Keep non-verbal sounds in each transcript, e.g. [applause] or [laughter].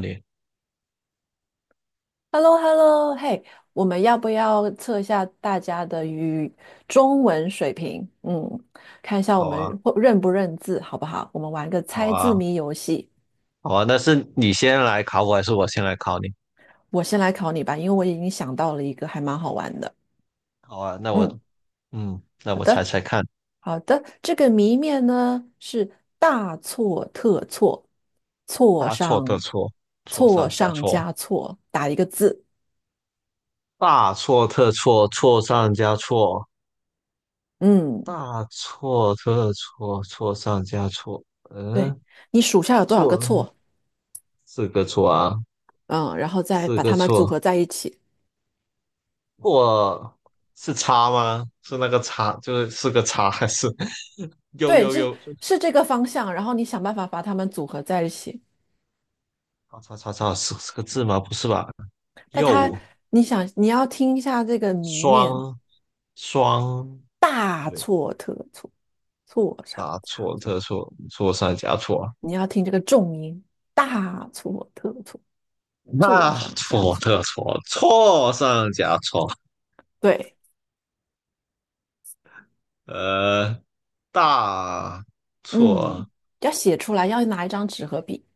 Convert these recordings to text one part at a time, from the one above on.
你。h e l l o h e l l o 嘿，我们要不要测一下大家的语中文水平？嗯，看一下我好啊，们会认不认字，好不好？我们玩个好猜字啊，谜游戏。好啊。那是你先来考我，还是我先来考你？我先来考你吧，因为我已经想到了一个还蛮好玩的。好啊，嗯，那好我猜的，猜看。好的。这个谜面呢是大错特错，错大错特上错，错错上加上错。加错，打一个字。大错特错，错上加错。嗯，大错特错，错上加错。对，嗯，你数下有多少个错错？四个错啊。嗯，然后再四把个它们组错，合在一起。错是叉吗？是那个叉，就是四个叉，还是 [laughs] 又对，又这又？是这个方向，然后你想办法把它们组合在一起。叉叉叉叉，是四个字吗？不是吧？但它，又。你要听一下这个谜面，双双。大对，错特错，错上大加，错，特错，错上加错啊。你要听这个重音，大错特错，错那上加错错。特错，错上加错。对，呃，大嗯，错。要写出来，要拿一张纸和笔。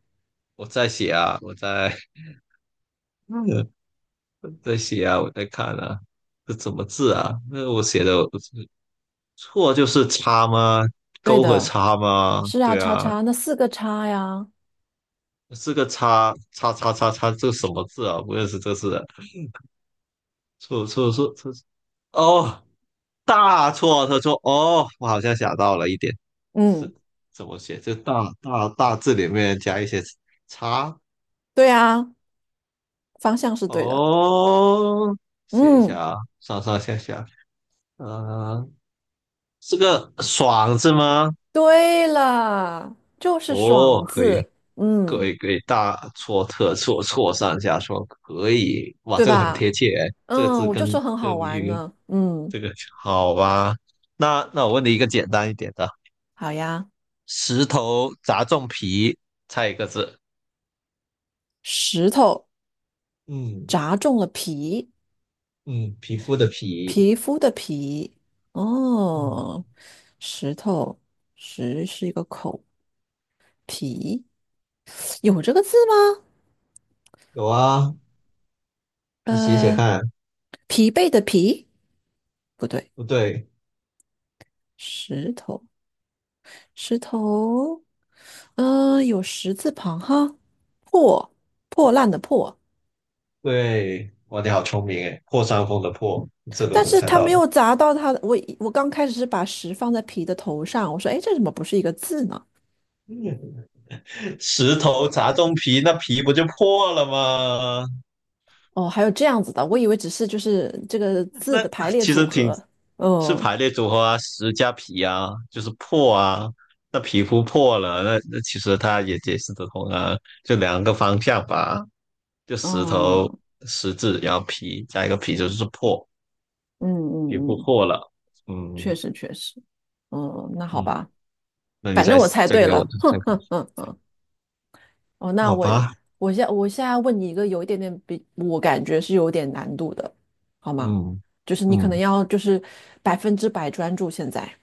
我在写啊，[laughs] 嗯在写啊，我在看啊。这怎么字啊？那我写的我错就是叉吗？对勾和的，叉吗？是啊，对叉啊。叉，那四个叉呀，是个叉叉叉叉叉，这什么字啊？不认识，这是错错错错哦。大错特错哦，我好像想到了一点。嗯，是怎么写？就大字里面加一些叉。对啊，方向是对的，哦，写一嗯。下啊，上上下下。呃，是个爽字吗？对了，就是哦，爽可以，字，可以，可以，大错特错，错上加错，可以。哇，对这个很吧？贴切。这个字我就说跟很这个好谜玩语呢。嗯，跟这个好吧？那我问你一个简单一点的。好呀。石头砸中皮，猜一个字。石头嗯。砸中了皮，嗯，皮肤的皮。皮肤的皮。嗯，哦，石头，石是一个口，皮有这个字吗？有啊。你写写呃，看。疲惫的疲，不对，不对。石头，石头，有石字旁哈，破，破烂的破。对，哇，你好聪明诶，破伤风的破，你这都但能是猜它到没了。有砸到它的。我刚开始是把十放在皮的头上，我说，哎，这怎么不是一个字呢？[laughs] 石头砸中皮，那皮不就破了吗？哦，还有这样子的，我以为只是就是这个字那的排列其组实挺合。是哦排列组合啊，石加皮啊，就是破啊。那皮肤破了，那其实它也解释得通啊。就两个方向吧，就石头哦，石字，然后皮加一个皮就是破。嗯也嗯不嗯，错了。确嗯。实确实。那好嗯，吧，那你反再正我猜再对给我了。[laughs] 再哼给哼哼哼。哦，我，那好我吧？我我现在问你一个有一点点比我感觉是有点难度的，好吗？嗯。就是你可能嗯，要就是百分之百专注现在。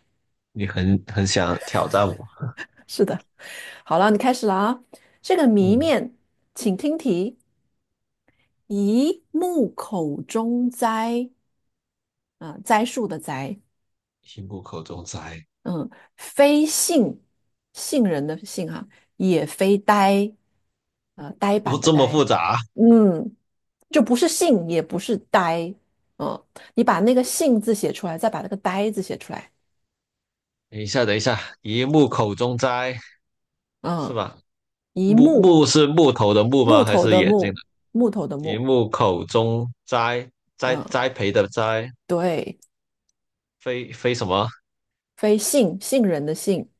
你很想挑战我。[laughs] 是的。好了，你开始了啊。这个谜嗯，面，请听题：一木口中栽，啊、栽树的栽，一木口中斋。嗯，非杏，杏仁的杏哈、也非呆，呆哦，板的这么呆，复杂？嗯，就不是杏，也不是呆，嗯，你把那个杏字写出来，再把那个呆字写出来，等一下，等一下，一木口中斋，是嗯，吧？一木，木是木头的木吗？木还头是的眼睛木，的？木头的一木，木口中栽，嗯，栽培的栽。对，非什么？非杏，杏仁的杏。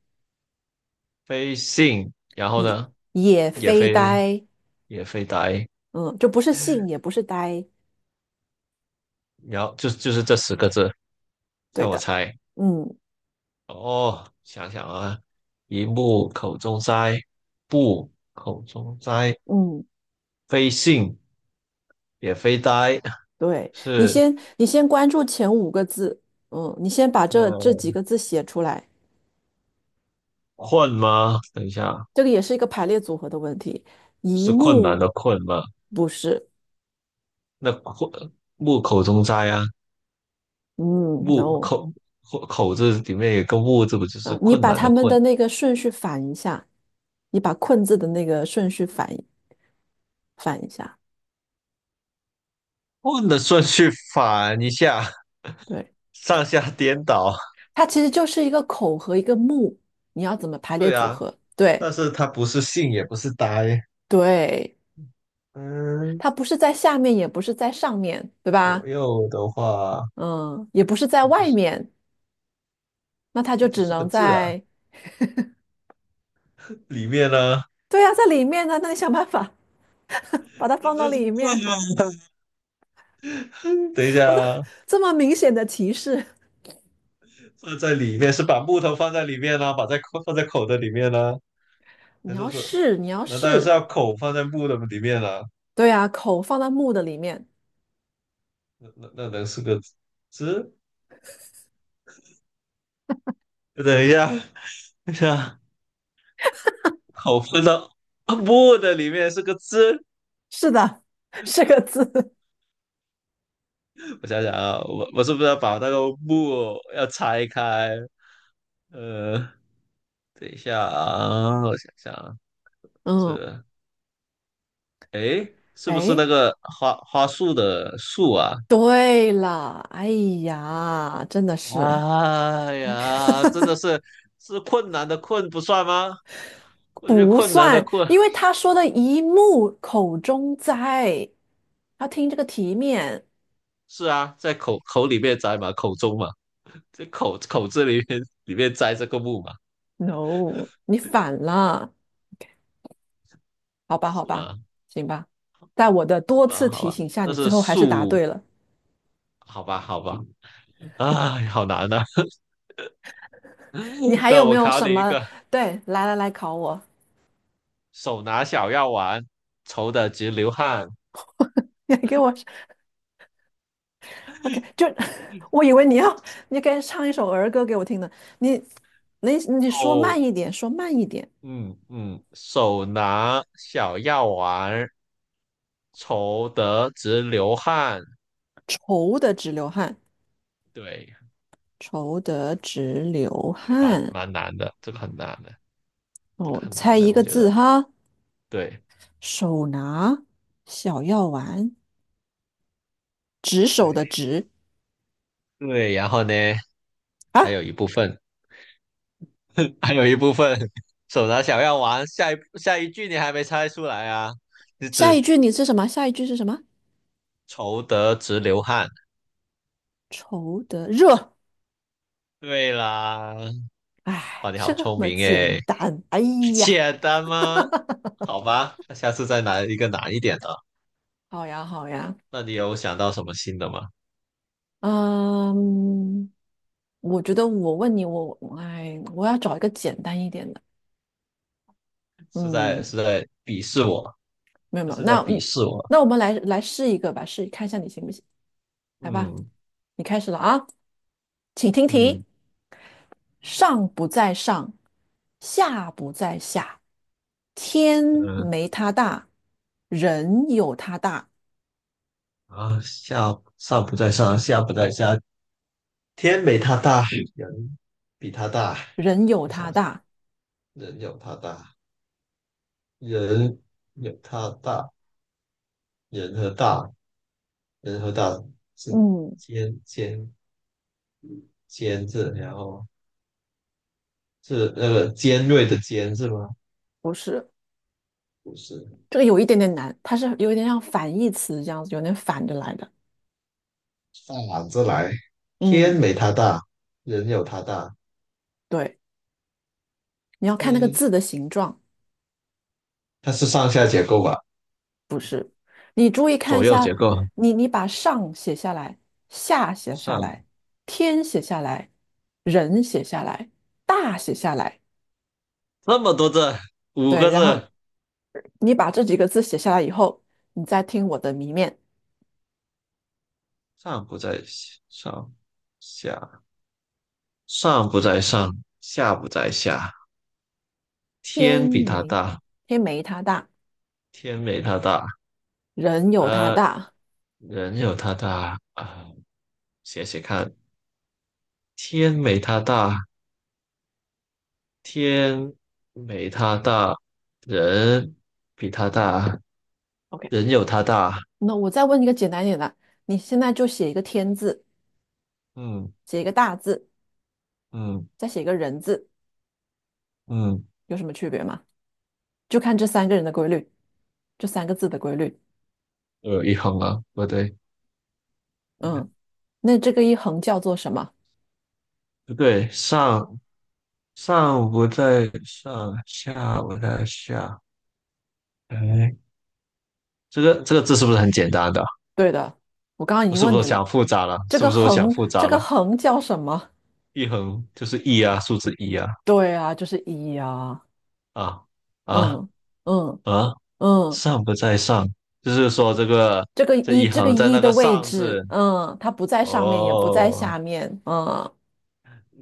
非信，然后也呢？也也非非呆，也非呆。嗯，就不是信，也不是呆，然后就是这十个字，对让我的，猜。嗯哦，想想啊。一木口中哉，不口中哉，嗯，非信，也非呆。对，是你先关注前五个字，你先把这呃几个字写出来，困吗？等一下，这个也是一个排列组合的问题，一是困难目的困吗？不是，那困，木口中哉啊，嗯，no，口，口口字里面有个木字，不就是嗯，你困把难的他们困？的那个顺序反一下，你把困字的那个顺序反一下，问的顺序反一下，对，上下颠倒。它其实就是一个口和一个目，你要怎么排列对组啊，合？对。但是它不是信，也不是呆。对，嗯，它不是在下面，也不是在上面，对吧？左右的话。嗯，也不是在不外是。面，那它这就不只是个能字啊，在，里面呢。对呀、在里面呢。那你想办法把它那放不到就是里罐面。吗？[laughs] 等一 [laughs] 下我都啊，这么明显的提示，放在里面是把木头放在里面呢、把在口放在口的里面呢、你还是要说，试，你要那当然是试。要口放在木的里面了、对呀、口放在木的里面。那能是个字？等一下，等一下，口放到木的里面是个字。是的，[laughs] 是个字。我想想啊，我是不是要把那个木要拆开？呃，等一下啊，我想想啊。这嗯，诶，是不是哎，那个花花树的树啊？对了，哎呀，真的是哎呀，真的是，是困难的困不算吗？我觉得不困难的算，困，因为他说的一木口中栽，要听这个题面。是啊，在口口里面摘嘛，口中嘛，这口，口字里面里面摘这个木嘛，No，你反了，好吧，好是吧，吧？行吧，在我的是多吧？次好提吧，醒下，那你最是后还是答树。对了。好吧，好吧，哎，好难呐、你 [laughs] 还有那没我有考什你一么？个，对，来来来，考我，手拿小药丸，愁得直流汗。[laughs] 你还给我，OK，就 [laughs] 我以为你要，你该唱一首儿歌给我听呢。你，你说慢哦。一点，说慢一点。嗯。嗯，手拿小药丸儿，愁得直流汗。愁得直流汗，对。愁得直流这个汗。蛮难的，这个很难的，这个哦，很难猜的，一我个觉字得。哈，对。手拿小药丸，执手的对，执对，然后呢？啊。还有一部分。[laughs] 还有一部分，手拿小药丸。下一句你还没猜出来啊？你下一只句你是什么？下一句是什么？愁得直流汗。愁得热。对啦。哎，哇，你好这聪么明简诶。单。哎 [laughs] 呀，简单吗？好吧，那下次再拿一个难一点的。好呀，好呀。那你有想到什么新的吗？嗯，我觉得我问你，我哎，我要找一个简单一点的。是在，嗯，是在鄙视我。没有这没有，是在那鄙嗯视我。那我们来试一个吧，试看一下你行不行？来吧，嗯。你开始了啊，请听题：嗯。上不在上，下不在下，天嗯，没他大，人有他大，啊，上不在上，下不在下，天没他大，人比他大。人有我他想想，大。人有他大，人有他大，人和大，人和大是嗯，尖尖尖字，然后是那个尖锐的尖是吗？不是，不是。这个有一点点难，它是有一点像反义词这样子，有点反着来的。反着来，天嗯，没他大，人有他大。对，你要看那个嗯，字的形状，它是上下结构吧？你注意看一左右结下，构。你把上写下来，下写下来，上天写下来，人写下来，大写下来，那么多字，五对，个然后字。你把这几个字写下来以后，你再听我的谜面，上不在上，下上不在上，下不在下。天天比它没大，天没它大，天没它大，人有它呃，大。人有它大啊。写写看，天没它大，天没它大，人比它大，OK，人有它大。那我再问一个简单一点的，你现在就写一个天字。嗯。写一个大字，嗯。再写一个人字，嗯，有什么区别吗？就看这三个人的规律，这三个字的规律。我有一横啊，不对。呃嗯，那这个一横叫做什么？不对，上不在上，下不在下。哎，这个这个字是不是很简单的？对的，我刚刚已我经是问不你是了，想复杂了？是不是我想复这杂个了？横叫什么？一横就是一啊，数字一啊。对啊，就是一呀。啊。啊。嗯嗯啊！嗯，上不在上，就是说这个，这一这个横在一那的个位上置，字。它不在上面，也不在哦，下面。嗯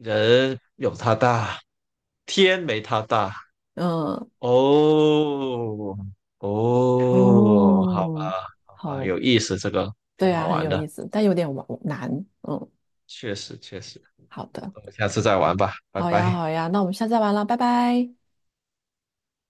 人有他大，天没他大。嗯哦。哦，好吧，哦，好吧，好，有意思，这个挺对啊，好很玩有意的。思，但有点难。嗯，确实确实。好的。我们下次再玩吧，拜好呀，拜。好呀，那我们下次再玩了，拜拜。